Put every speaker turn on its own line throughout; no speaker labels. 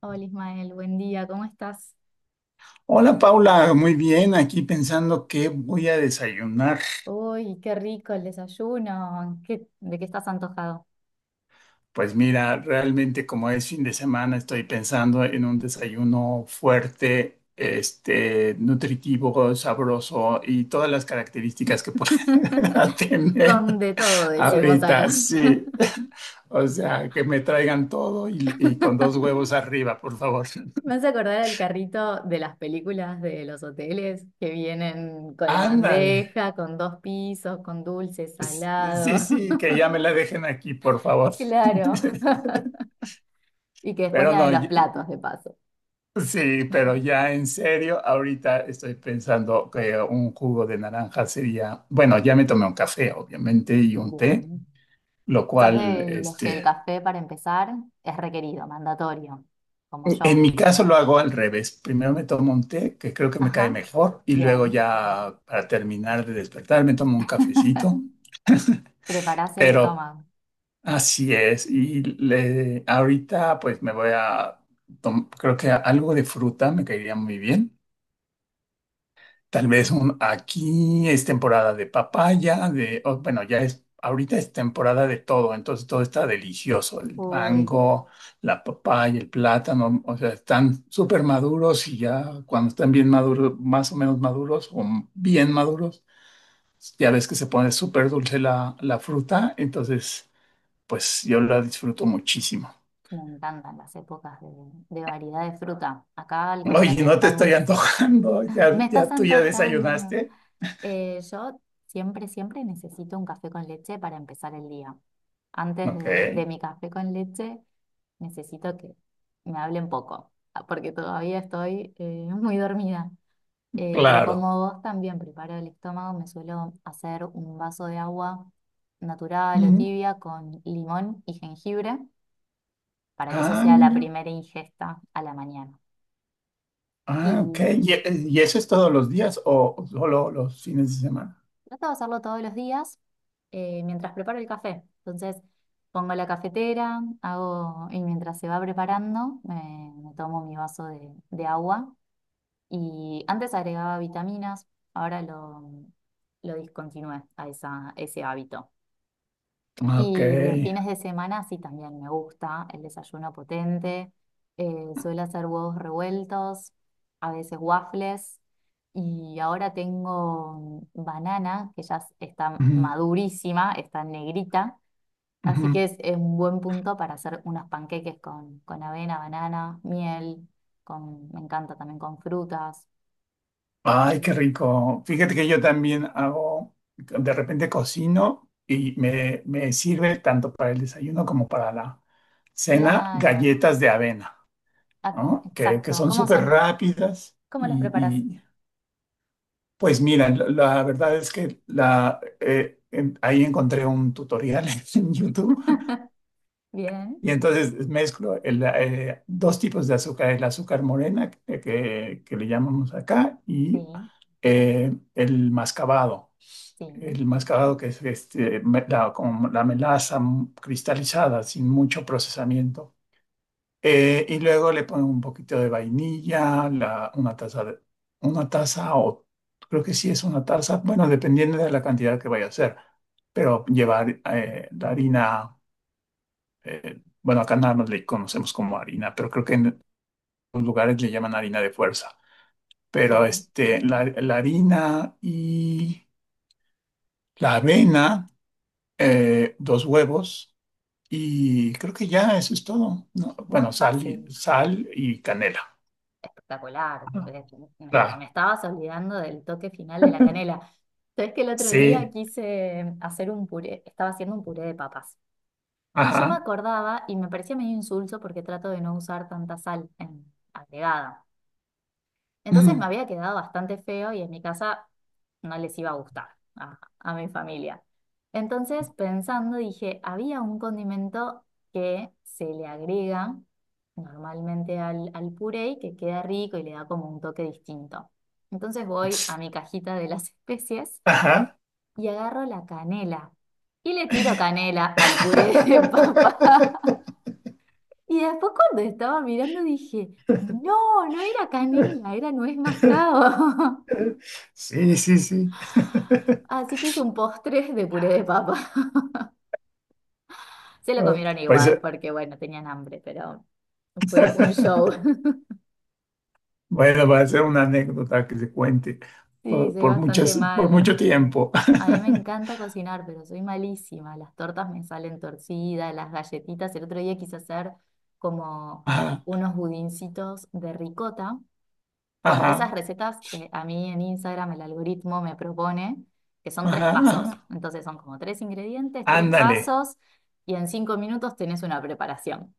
Hola Ismael, buen día, ¿cómo estás?
Hola Paula, muy bien, aquí pensando qué voy a desayunar.
Uy, qué rico el desayuno. De qué estás antojado?
Pues mira, realmente como es fin de semana, estoy pensando en un desayuno fuerte, nutritivo, sabroso y todas las características que pueda tener
Con de todo, decimos
ahorita,
acá.
sí. O sea, que me traigan todo y con dos huevos arriba, por favor.
Me hace acordar al carrito de las películas de los hoteles que vienen con la
Ándale.
bandeja, con dos pisos, con dulce,
Sí,
salado.
sí, que ya me la dejen aquí, por favor.
Claro. Y que después
Pero
la de
no,
los
yo-
platos, de paso.
Sí, pero ya en serio, ahorita estoy pensando que un jugo de naranja sería, bueno, ya me tomé un café, obviamente, y un té,
Bien.
lo
Sos
cual,
de los que el café, para empezar, es requerido, mandatorio, como
en
yo.
mi caso lo hago al revés. Primero me tomo un té, que creo que me cae
Ajá.
mejor, y luego
Bien.
ya para terminar de despertar me tomo un cafecito,
Preparás el
pero
estómago.
así es. Y le- ahorita pues me voy a, tom- creo que algo de fruta me caería muy bien. Tal vez un, aquí es temporada de papaya, de, o, bueno, ya es, ahorita es temporada de todo, entonces todo está delicioso, el
Uy,
mango, la papaya, el plátano, o sea, están súper maduros y ya cuando están bien maduros, más o menos maduros o bien maduros, ya ves que se pone súper dulce la fruta, entonces pues yo la disfruto muchísimo.
me encantan las épocas de, variedad de fruta. Acá, al
Oye,
contrario,
no te estoy
estamos...
antojando, ya,
Me estás
ya tú ya
antojando.
desayunaste.
Yo siempre, siempre necesito un café con leche para empezar el día. Antes
Ok,
de mi café con leche, necesito que me hablen poco, porque todavía estoy muy dormida. Pero
claro.
como vos también preparo el estómago, me suelo hacer un vaso de agua natural o
Mm.
tibia con limón y jengibre para que eso
Ah,
sea la
mira.
primera ingesta a la mañana.
Ah, ok.
Y
Y eso es todos los días o solo los fines de semana?
trato de hacerlo todos los días mientras preparo el café. Entonces pongo la cafetera, hago, y mientras se va preparando, me tomo mi vaso de, agua. Y antes agregaba vitaminas, ahora lo discontinué a ese hábito.
Ah, ok.
Y los fines de semana sí también me gusta el desayuno potente. Suelo hacer huevos revueltos, a veces waffles. Y ahora tengo banana, que ya está
Ujú,
madurísima, está negrita. Así
ujú.
que es, un buen punto para hacer unos panqueques con avena, banana, miel. Me encanta también con frutas.
Ay,
Mm.
qué rico. Fíjate que yo también hago, de repente cocino y me sirve tanto para el desayuno como para la cena
Claro.
galletas de avena,
Ah,
¿no? Que
exacto.
son
¿Cómo
súper
son?
rápidas
¿Cómo los preparas?
y, pues mira, la verdad es que la, en- ahí encontré un tutorial en YouTube.
Bien,
Y entonces mezclo el, dos tipos de azúcar, el azúcar morena, que le llamamos acá, y
sí.
el mascabado.
Sí,
El mascabado que es me- la, como la melaza cristalizada, sin mucho procesamiento. Y luego le pongo un poquito de vainilla, la- una taza, de- una taza o creo que sí es una taza, bueno, dependiendo de la cantidad que vaya a hacer, pero llevar la harina bueno, acá nada más le conocemos como harina, pero creo que en otros lugares le llaman harina de fuerza. Pero
bien,
la harina y la avena, dos huevos y creo que ya eso es todo, ¿no?
muy
Bueno, sal y,
fácil,
sal y canela.
espectacular.
Ah,
Me
la,
estabas olvidando del toque final de la canela. Sabes que el otro día
sí,
quise hacer un puré, estaba haciendo un puré de papas. Y yo me
ajá.
acordaba y me parecía medio insulso porque trato de no usar tanta sal en, agregada. Entonces me
Ujú,
había quedado bastante feo y en mi casa no les iba a gustar a mi familia. Entonces, pensando, dije, había un condimento que se le agrega normalmente al puré y que queda rico y le da como un toque distinto. Entonces voy a mi cajita de las especies
ajá.
y agarro la canela y le tiro canela al puré de papa. Y después cuando estaba mirando dije, no, no era canela, era nuez mascabo.
Sí, sí, sí.
Así que hice un postre de puré de papa. Se lo comieron
Pues
igual porque, bueno, tenían hambre, pero fue un show.
bueno, va a ser una anécdota que se cuente
Sí, soy
por
bastante
muchas, por
mala.
mucho tiempo.
A mí me encanta cocinar, pero soy malísima. Las tortas me salen torcidas, las galletitas. El otro día quise hacer como
Ajá,
unos budincitos de ricota con esas
ajá,
recetas que a mí en Instagram el algoritmo me propone, que son tres
ajá,
pasos.
ajá.
Entonces son como tres ingredientes, tres
Ándale,
pasos, y en 5 minutos tenés una preparación.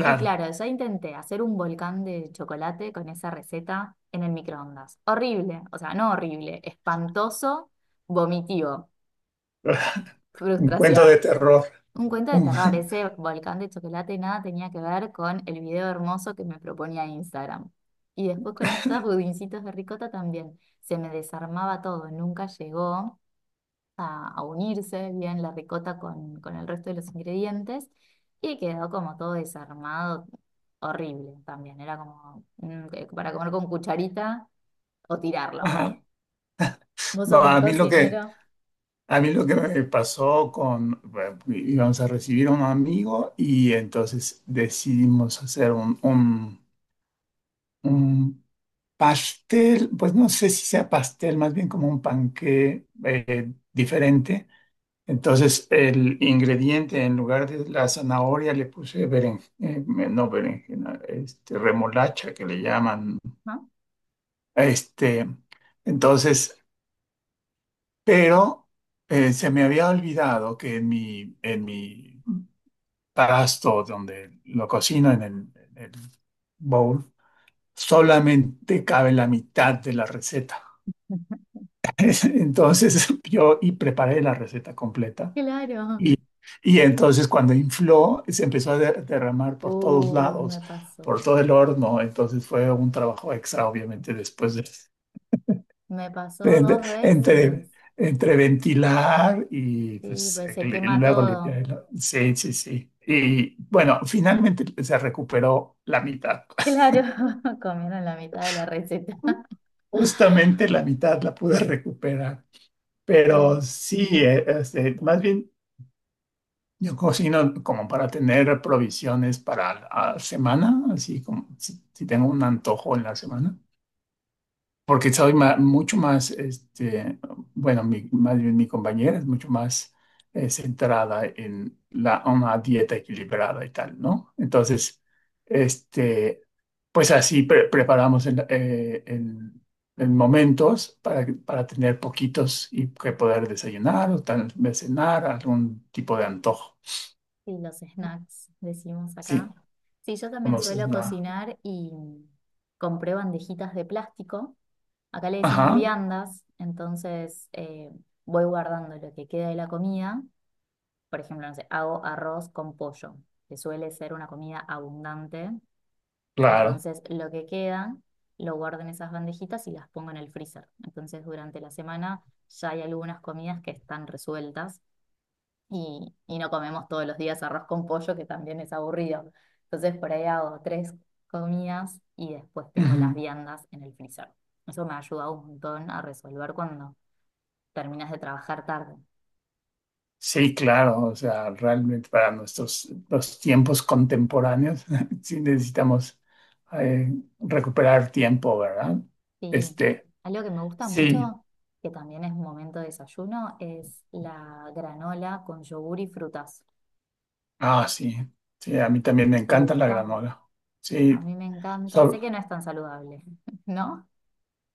Y claro, yo intenté hacer un volcán de chocolate con esa receta en el microondas. Horrible, o sea, no horrible, espantoso, vomitivo,
Un cuento de
frustración.
terror.
Un cuento de
Un-
terror, ese volcán de chocolate nada tenía que ver con el video hermoso que me proponía Instagram. Y después con estos budincitos de ricota también. Se me desarmaba todo, nunca llegó a unirse bien la ricota con, el resto de los ingredientes y quedó como todo desarmado, horrible también. Era como que para comer con cucharita o tirarlo.
ajá.
Vos
No,
sos buen
a mí lo que,
cocinero,
a mí lo que me pasó con, bueno, íbamos a recibir a un amigo y entonces decidimos hacer un pastel, pues no sé si sea pastel, más bien como un panqué diferente. Entonces, el ingrediente, en lugar de la zanahoria, le puse beren, no berenjena, remolacha que le llaman.
¿no?
Este, entonces, pero se me había olvidado que en mi pasto donde lo cocino en el bowl, solamente cabe la mitad de la receta. Entonces, yo y preparé la receta completa.
Claro.
Y, y entonces cuando infló, se empezó a de- derramar por todos
Uy, me
lados,
pasó.
por todo el horno. Entonces fue un trabajo extra, obviamente, después
Me pasó
de-
dos
entre,
veces.
entre ventilar y
Sí,
pues,
pues se
li-
quema
luego limpiar.
todo.
El- sí, sí, sí. Y bueno, finalmente se recuperó la mitad.
Claro, comieron la mitad de la receta.
Justamente la mitad la pude recuperar. Pero
Sí.
sí, más bien yo cocino como para tener provisiones para la semana, así como si, si tengo un antojo en la semana, porque soy ma- mucho más, bueno, mi, más bien mi compañera es mucho más centrada en la, una dieta equilibrada y tal, ¿no? Entonces, este, pues así pre- preparamos el momentos para, que- para tener poquitos y que poder desayunar o tal vez cenar, algún tipo de antojo.
Sí, los snacks, decimos
Sí.
acá. Sí, yo también
Conoces
suelo
nada.
cocinar y compré bandejitas de plástico. Acá le decimos
Ajá,
viandas, entonces voy guardando lo que queda de la comida. Por ejemplo, no sé, hago arroz con pollo, que suele ser una comida abundante.
claro.
Entonces, lo que queda lo guardo en esas bandejitas y las pongo en el freezer. Entonces, durante la semana ya hay algunas comidas que están resueltas y, no comemos todos los días arroz con pollo, que también es aburrido. Entonces por ahí hago tres comidas y después tengo las
Ujú.
viandas en el freezer. Eso me ha ayudado un montón a resolver cuando terminas de trabajar tarde.
Sí, claro, o sea, realmente para nuestros los tiempos contemporáneos sí necesitamos eh, recuperar tiempo, ¿verdad?
Sí,
Este,
algo que me gusta
sí,
mucho, que también es un momento de desayuno, es la granola con yogur y frutas.
ah, sí, sí, a mí también me
¿Te
encanta la
gusta?
granola.
A
Sí,
mí me encanta. Sé que
solo,
no es tan saludable, ¿no?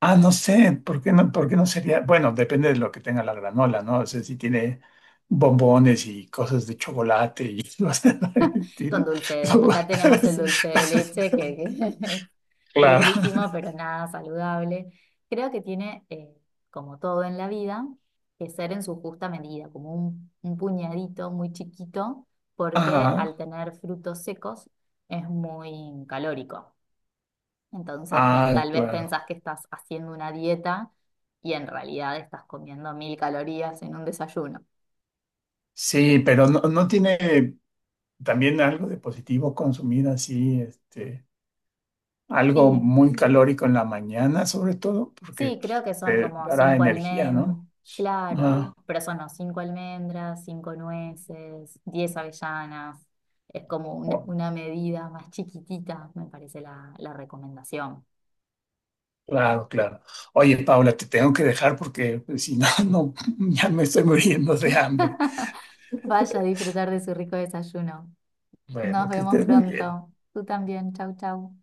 ah, no sé, por qué no sería? Bueno, depende de lo que tenga la granola, ¿no? O sea, si tiene bombones y cosas de chocolate y cosas por el
Con
estilo.
dulce de,
No,
acá tenemos el dulce de leche que, es
claro.
riquísimo, pero nada saludable. Creo que tiene, como todo en la vida, que ser en su justa medida, como un puñadito muy chiquito, porque al
Ajá.
tener frutos secos es muy calórico. Entonces,
Ah,
tal vez
claro.
pensás que estás haciendo una dieta y en realidad estás comiendo 1.000 calorías en un desayuno.
Sí, pero no, no tiene también algo de positivo consumir así, algo
Sí,
muy calórico en la mañana, sobre todo,
Sí,
porque
creo que
pues,
son
te
como
dará
cinco
energía,
almendras,
¿no?
claro,
Ah,
pero son no, cinco almendras, cinco nueces, 10 avellanas. Es como una,
oh,
una medida más chiquitita, me parece la recomendación.
claro, claro. Oye, Paula, te tengo que dejar porque pues, si no, no, ya me estoy muriendo de hambre.
Vaya a disfrutar de su rico desayuno. Nos
Bueno, que
vemos
estés muy bien.
pronto. Tú también. Chau, chau.